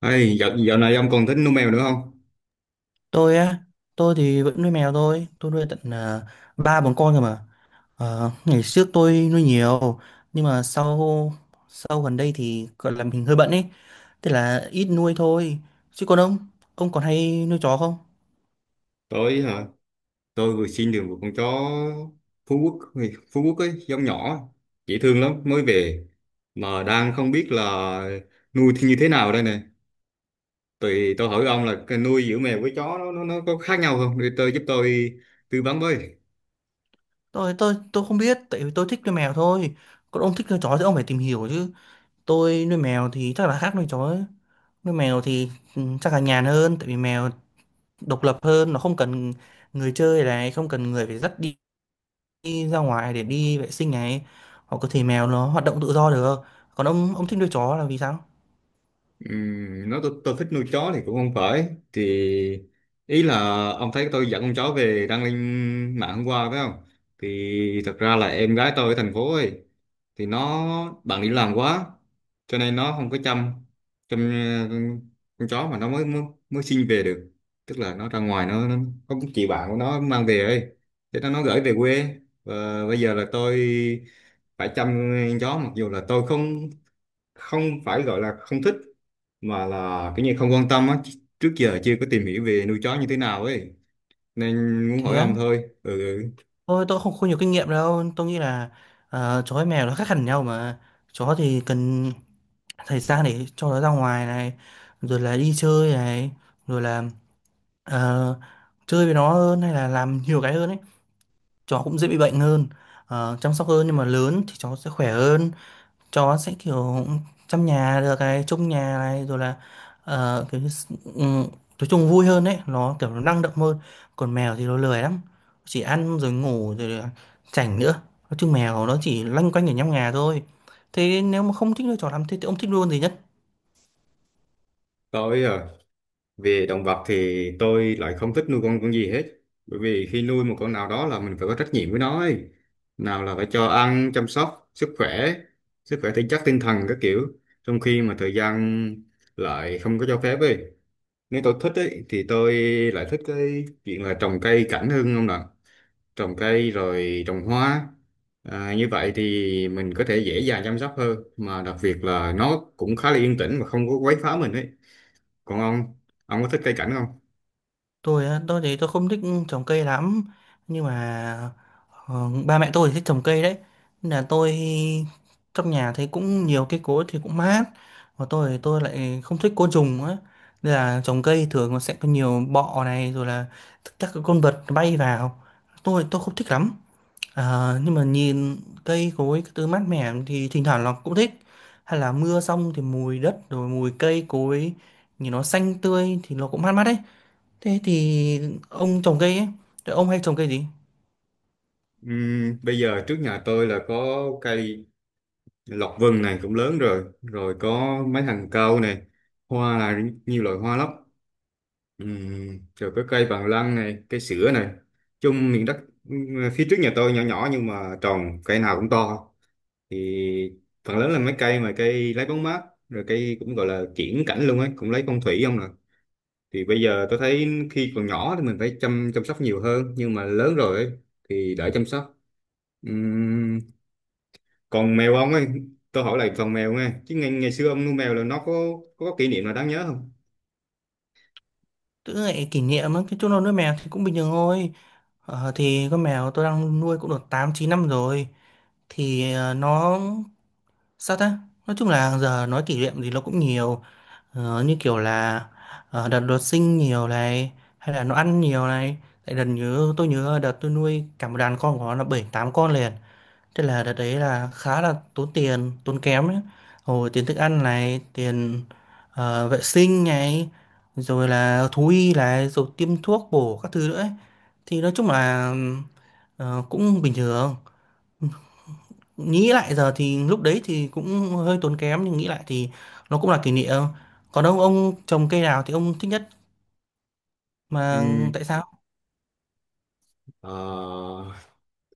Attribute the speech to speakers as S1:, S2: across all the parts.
S1: Ê, dạo này ông còn thích nuôi mèo nữa không?
S2: Tôi á? Tôi thì vẫn nuôi mèo thôi, tôi nuôi tận, ba bốn con rồi mà. Ngày trước tôi nuôi nhiều, nhưng mà sau sau gần đây thì gọi là mình hơi bận ấy, thế là ít nuôi thôi. Chứ còn ông còn hay nuôi chó không?
S1: Tôi hả? Tôi vừa xin được một con chó Phú Quốc, Phú Quốc ấy, giống nhỏ, dễ thương lắm, mới về. Mà đang không biết là nuôi thì như thế nào đây này. Thì tôi hỏi ông là cái nuôi giữa mèo với chó nó có khác nhau không? Để tôi giúp tôi tư vấn với.
S2: Tôi không biết, tại vì tôi thích nuôi mèo thôi, còn ông thích nuôi chó thì ông phải tìm hiểu chứ. Tôi nuôi mèo thì chắc là khác nuôi chó ấy. Nuôi mèo thì chắc là nhàn hơn, tại vì mèo độc lập hơn, nó không cần người chơi này, không cần người phải dắt đi, đi ra ngoài để đi vệ sinh này, hoặc có thể mèo nó hoạt động tự do được. Còn ông thích nuôi chó là vì sao?
S1: Nói tôi thích nuôi chó thì cũng không phải thì ý là ông thấy tôi dẫn con chó về đăng lên mạng hôm qua phải không, thì thật ra là em gái tôi ở thành phố ấy, thì nó bận đi làm quá cho nên nó không có chăm chăm con chó mà nó mới mới, mới sinh về được, tức là nó ra ngoài nó có một chị bạn của nó mang về ấy, thế nó gửi về quê và bây giờ là tôi phải chăm con chó, mặc dù là tôi không, không phải gọi là không thích mà là cái như không quan tâm á, trước giờ chưa có tìm hiểu về nuôi chó như thế nào ấy, nên muốn
S2: Thế
S1: hỏi ông
S2: á?
S1: thôi. Ừ.
S2: Tôi không không nhiều kinh nghiệm đâu, tôi nghĩ là chó với mèo nó khác hẳn nhau mà. Chó thì cần thời gian để cho nó ra ngoài này, rồi là đi chơi này, rồi là ờ, chơi với nó hơn hay là làm nhiều cái hơn ấy. Chó cũng dễ bị bệnh hơn, chăm sóc hơn, nhưng mà lớn thì chó sẽ khỏe hơn. Chó sẽ kiểu chăm nhà được này, trông nhà này, rồi là kiểu như nói chung vui hơn đấy, nó kiểu nó năng động hơn. Còn mèo thì nó lười lắm, chỉ ăn rồi ngủ rồi là chảnh nữa. Nói chung mèo nó chỉ loanh quanh ở trong nhà thôi. Thế nếu mà không thích nuôi chó lắm thế, thì ông thích nuôi con gì nhất?
S1: Tôi à, về động vật thì tôi lại không thích nuôi con gì hết, bởi vì khi nuôi một con nào đó là mình phải có trách nhiệm với nó ấy, nào là phải cho ăn, chăm sóc sức khỏe, sức khỏe thể chất tinh thần các kiểu, trong khi mà thời gian lại không có cho phép ấy. Nếu tôi thích ấy thì tôi lại thích cái chuyện là trồng cây cảnh hơn không ạ, trồng cây rồi trồng hoa. À, như vậy thì mình có thể dễ dàng chăm sóc hơn, mà đặc biệt là nó cũng khá là yên tĩnh và không có quấy phá mình ấy. Còn ông có thích cây cảnh không?
S2: Tôi á? Tôi thì tôi không thích trồng cây lắm, nhưng mà ba mẹ tôi thì thích trồng cây đấy. Nên là tôi trong nhà thấy cũng nhiều cây cối thì cũng mát. Và tôi thì tôi lại không thích côn trùng á, nên là trồng cây thường nó sẽ có nhiều bọ này rồi là các cái con vật bay vào, tôi không thích lắm. Nhưng mà nhìn cây cối cái thứ mát mẻ thì thỉnh thoảng nó cũng thích, hay là mưa xong thì mùi đất rồi mùi cây cối, nhìn nó xanh tươi thì nó cũng mát mắt đấy. Thế thì ông trồng cây ấy, thì ông hay trồng cây gì?
S1: Bây giờ trước nhà tôi là có cây lộc vừng này cũng lớn rồi, rồi có mấy hàng cau này, hoa là nhiều loại hoa lắm. Rồi có cây bằng lăng này, cây sữa này, chung miền đất, phía trước nhà tôi nhỏ nhỏ nhưng mà trồng cây nào cũng to. Thì phần lớn là mấy cây mà cây lấy bóng mát, rồi cây cũng gọi là kiểng cảnh luôn ấy, cũng lấy phong thủy không nè. Thì bây giờ tôi thấy khi còn nhỏ thì mình phải chăm chăm sóc nhiều hơn, nhưng mà lớn rồi ấy, thì đỡ chăm sóc. Ừm, còn mèo ông ấy, tôi hỏi lại phần mèo nghe chứ, ngày xưa ông nuôi mèo là nó có kỷ niệm nào đáng nhớ không?
S2: Tớ lại kỷ niệm á, cái chỗ nuôi mèo thì cũng bình thường thôi. Thì con mèo tôi đang nuôi cũng được 8-9 năm rồi. Thì nó sao ta? Nói chung là giờ nói kỷ niệm thì nó cũng nhiều. Như kiểu là đợt đột sinh nhiều này, hay là nó ăn nhiều này. Tại đợt nhớ tôi nhớ đợt tôi nuôi cả một đàn con của nó là bảy tám con liền. Thế là đợt đấy là khá là tốn tiền, tốn kém đấy. Hồi tiền thức ăn này, tiền vệ sinh này, rồi là thú y này, rồi tiêm thuốc bổ các thứ nữa ấy. Thì nói chung là cũng bình thường. Nghĩ lại giờ thì lúc đấy thì cũng hơi tốn kém, nhưng nghĩ lại thì nó cũng là kỷ niệm. Còn ông trồng cây nào thì ông thích nhất mà,
S1: Ừm,
S2: tại sao?
S1: ờ,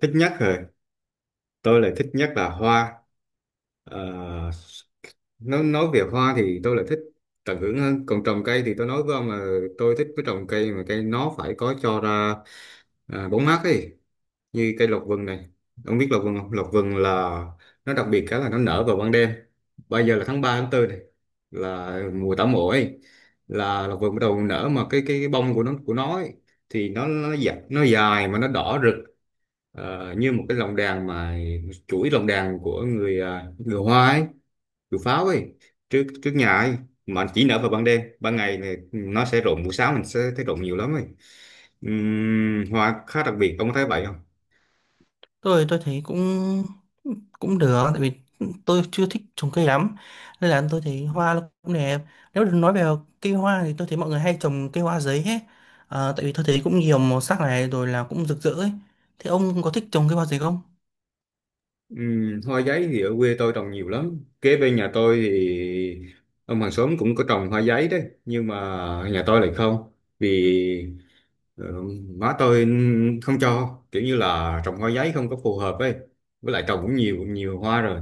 S1: thích nhất rồi, tôi lại thích nhất là hoa. Ờ, nói về hoa thì tôi lại thích tận hưởng hơn, còn trồng cây thì tôi nói với ông là tôi thích cái trồng cây mà cây nó phải có cho ra à, bóng mát ấy, như cây lộc vừng này. Ông biết lộc vừng không? Lộc vừng là nó đặc biệt cái là nó nở vào ban đêm. Bây giờ là tháng 3 tháng tư này là mùa tảo mộ ấy, là lộc vừng bắt đầu nở, mà cái bông của nó ấy, thì nó dài, nó dài mà nó đỏ rực. Ờ, như một cái lồng đèn, mà chuỗi lồng đèn của người à, người Hoa ấy, chuột pháo ấy, trước trước nhà ấy, mà chỉ nở vào ban đêm. Ban ngày này nó sẽ rụng, buổi sáng mình sẽ thấy rụng nhiều lắm ấy. Hoa khá đặc biệt, ông có thấy vậy không?
S2: Tôi thấy cũng cũng được, tại vì tôi chưa thích trồng cây lắm, nên là tôi thấy hoa nó cũng đẹp. Nếu được nói về cây hoa thì tôi thấy mọi người hay trồng cây hoa giấy hết. Tại vì tôi thấy cũng nhiều màu sắc này rồi là cũng rực rỡ ấy. Thế ông có thích trồng cây hoa giấy không?
S1: Hoa giấy thì ở quê tôi trồng nhiều lắm, kế bên nhà tôi thì ông hàng xóm cũng có trồng hoa giấy đấy, nhưng mà nhà tôi lại không. Vì ờ, má tôi không cho, kiểu như là trồng hoa giấy không có phù hợp ấy, với lại trồng cũng nhiều nhiều hoa rồi.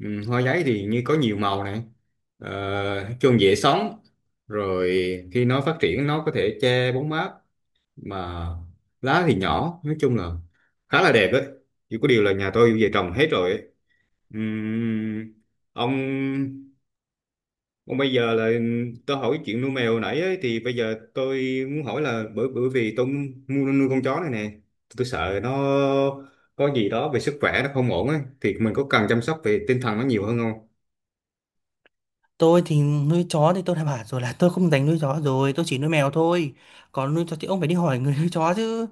S1: Ừ, hoa giấy thì như có nhiều màu này, ờ, chung dễ sống, rồi khi nó phát triển nó có thể che bóng mát, mà lá thì nhỏ, nói chung là khá là đẹp ấy. Chỉ có điều là nhà tôi về trồng hết rồi ấy. Ừm, ông, còn bây giờ là tôi hỏi chuyện nuôi mèo nãy ấy, thì bây giờ tôi muốn hỏi là bởi bởi vì tôi mua nuôi con chó này nè, tôi sợ nó có gì đó về sức khỏe nó không ổn ấy, thì mình có cần chăm sóc về tinh thần nó nhiều hơn không?
S2: Tôi thì nuôi chó thì tôi đã bảo rồi là tôi không dành nuôi chó rồi, tôi chỉ nuôi mèo thôi. Còn nuôi chó thì ông phải đi hỏi người nuôi chó chứ,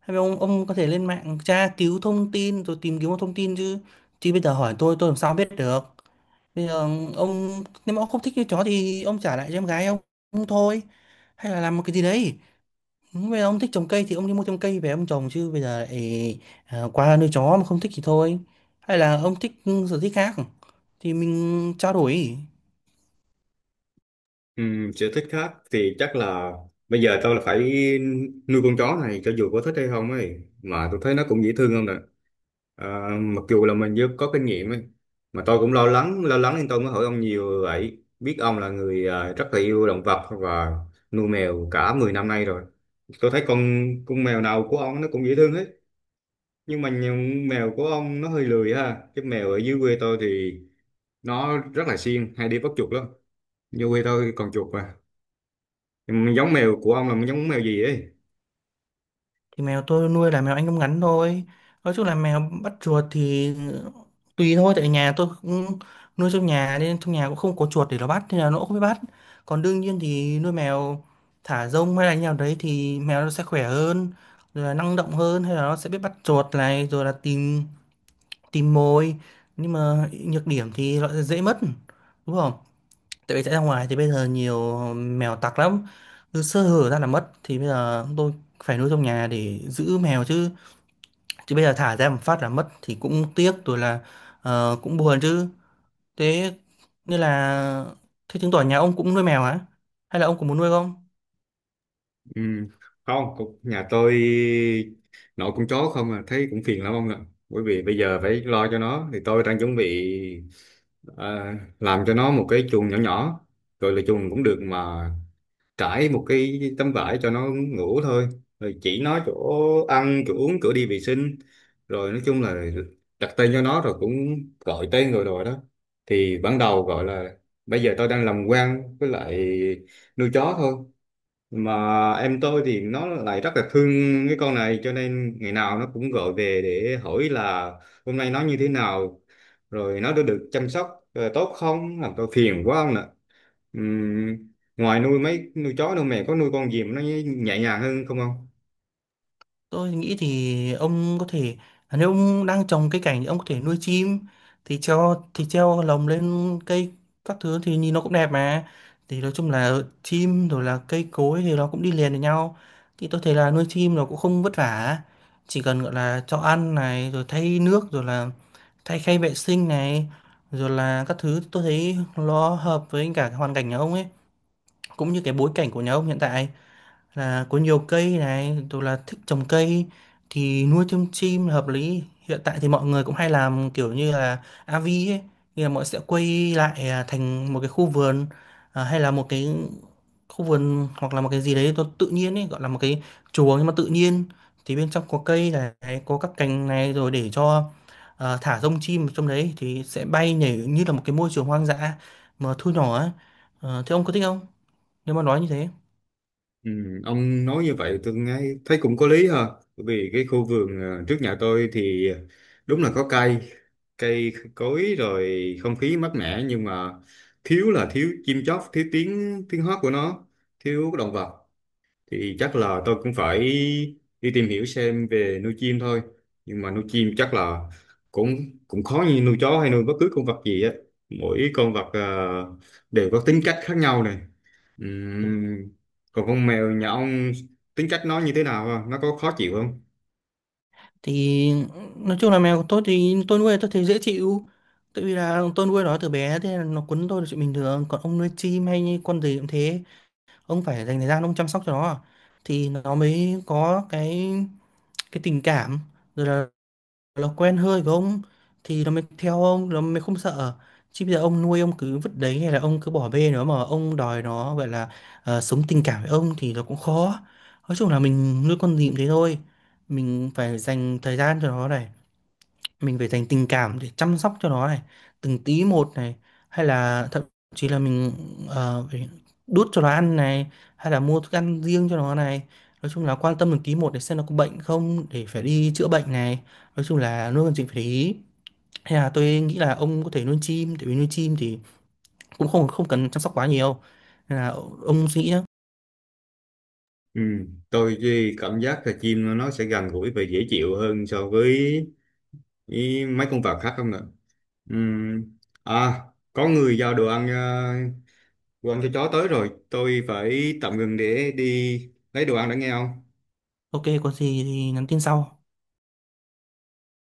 S2: hay là ông có thể lên mạng tra cứu thông tin rồi tìm kiếm thông tin chứ. Chứ bây giờ hỏi tôi làm sao biết được. Bây giờ ông, nếu mà ông không thích cái chó thì ông trả lại cho em gái ông. Ông thôi, hay là làm một cái gì đấy. Bây giờ ông thích trồng cây thì ông đi mua trồng cây về ông trồng, chứ bây giờ lại qua nuôi chó mà không thích thì thôi. Hay là ông thích sở thích khác thì mình trao đổi.
S1: Sở thích khác thì chắc là bây giờ tôi là phải nuôi con chó này cho dù có thích hay không ấy, mà tôi thấy nó cũng dễ thương không nè. Ờ, mặc dù là mình chưa có kinh nghiệm ấy, mà tôi cũng lo lắng nên tôi mới hỏi ông nhiều vậy, biết ông là người ờ, rất là yêu động vật và nuôi mèo cả 10 năm nay rồi. Tôi thấy con mèo nào của ông nó cũng dễ thương hết, nhưng mà nhiều- mèo của ông nó hơi lười ha, cái mèo ở dưới quê tôi thì nó rất là siêng, hay đi bắt chuột lắm, dưới quê tôi còn chuột mà. Nhưng mà giống mèo của ông là giống mèo gì ấy?
S2: Thì mèo tôi nuôi là mèo Anh Công ngắn thôi. Nói chung là mèo bắt chuột thì tùy thôi, tại nhà tôi cũng nuôi trong nhà nên trong nhà cũng không có chuột để nó bắt nên là nó cũng không biết bắt. Còn đương nhiên thì nuôi mèo thả rông hay là như nào đấy thì mèo nó sẽ khỏe hơn, rồi là năng động hơn, hay là nó sẽ biết bắt chuột này rồi là tìm tìm mồi. Nhưng mà nhược điểm thì nó dễ mất, đúng không? Tại vì chạy ra ngoài thì bây giờ nhiều mèo tặc lắm, cứ sơ hở ra là mất. Thì bây giờ tôi phải nuôi trong nhà để giữ mèo chứ, chứ bây giờ thả ra một phát là mất thì cũng tiếc, rồi là cũng buồn chứ. Thế như là, thế chứng tỏ nhà ông cũng nuôi mèo hả, hay là ông cũng muốn nuôi không?
S1: Ừ. Không, cũng- nhà tôi nội con chó không à, thấy cũng phiền lắm ông ạ. Bởi vì bây giờ phải lo cho nó, thì tôi đang chuẩn bị à, làm cho nó một cái chuồng nhỏ nhỏ. Rồi là chuồng cũng được, mà trải một cái tấm vải cho nó ngủ thôi. Rồi chỉ nó chỗ ăn, chỗ uống, chỗ đi vệ sinh. Rồi nói chung là đặt tên cho nó, rồi cũng gọi tên rồi rồi đó. Thì ban đầu gọi là bây giờ tôi đang làm quen với lại nuôi chó thôi, mà em tôi thì nó lại rất là thương cái con này, cho nên ngày nào nó cũng gọi về để hỏi là hôm nay nó như thế nào, rồi nó đã được chăm sóc ờ, tốt không, làm tôi phiền quá không ạ. Ngoài nuôi nuôi chó đâu mẹ có nuôi con gì mà nó nhẹ nhàng hơn không không?
S2: Tôi nghĩ thì ông có thể, nếu ông đang trồng cây cảnh thì ông có thể nuôi chim, thì treo, lồng lên cây các thứ thì nhìn nó cũng đẹp mà. Thì nói chung là chim rồi là cây cối thì nó cũng đi liền với nhau, thì tôi thấy là nuôi chim nó cũng không vất vả, chỉ cần gọi là cho ăn này rồi thay nước rồi là thay khay vệ sinh này rồi là các thứ. Tôi thấy nó hợp với cả cái hoàn cảnh nhà ông ấy, cũng như cái bối cảnh của nhà ông hiện tại là có nhiều cây này rồi là thích trồng cây, thì nuôi thêm chim là hợp lý. Hiện tại thì mọi người cũng hay làm kiểu như là avi ấy, như là mọi sẽ quay lại thành một cái khu vườn, hay là một cái khu vườn hoặc là một cái gì đấy nó tự nhiên ấy, gọi là một cái chuồng nhưng mà tự nhiên. Thì bên trong có cây này, có các cành này, rồi để cho thả rông chim ở trong đấy thì sẽ bay nhảy như là một cái môi trường hoang dã mà thu nhỏ ấy. Thế ông có thích không, nếu mà nói như thế?
S1: Ừ, ông nói như vậy tôi nghe thấy cũng có lý ha, bởi vì cái khu vườn ờ, trước nhà tôi thì ờ, đúng là có cây cây cối, rồi không khí mát mẻ, nhưng mà thiếu là thiếu chim chóc, thiếu tiếng tiếng hót của nó, thiếu động vật. Thì chắc là tôi cũng phải đi tìm hiểu xem về nuôi chim thôi, nhưng mà nuôi chim chắc là cũng cũng khó như nuôi chó hay nuôi bất cứ con vật gì á, mỗi con vật ờ, đều có tính cách khác nhau này. Ừm, Còn con mèo nhà ông tính cách nó như thế nào không? Nó có khó chịu không?
S2: Thì nói chung là mèo của tôi thì tôi nuôi tôi thấy dễ chịu, tại vì là tôi nuôi nó từ bé thế nên nó quấn tôi là chuyện bình thường. Còn ông nuôi chim hay như con gì cũng thế, ông phải dành thời gian ông chăm sóc cho nó thì nó mới có cái tình cảm, rồi là nó quen hơi với ông thì nó mới theo ông, nó mới không sợ. Chứ bây giờ ông nuôi ông cứ vứt đấy, hay là ông cứ bỏ bê nó mà ông đòi nó gọi là sống tình cảm với ông thì nó cũng khó. Nói chung là mình nuôi con gì cũng thế thôi, mình phải dành thời gian cho nó này, mình phải dành tình cảm để chăm sóc cho nó này, từng tí một này, hay là thậm chí là mình phải đút cho nó ăn này, hay là mua thức ăn riêng cho nó này. Nói chung là quan tâm từng tí một để xem nó có bệnh không, để phải đi chữa bệnh này. Nói chung là nuôi con chim phải để ý, hay là tôi nghĩ là ông có thể nuôi chim, tại vì nuôi chim thì cũng không không cần chăm sóc quá nhiều, nên là ông suy nghĩ nhá.
S1: Tôi thì cảm giác là chim nó sẽ gần gũi và dễ chịu hơn so với ý, mấy con vật khác không ạ? Ừm, À, có người giao đồ ăn ờ, đồ ăn cho chó tới rồi. Tôi phải tạm ngừng để đi lấy đồ ăn đã nghe không?
S2: OK, có gì thì nhắn tin sau.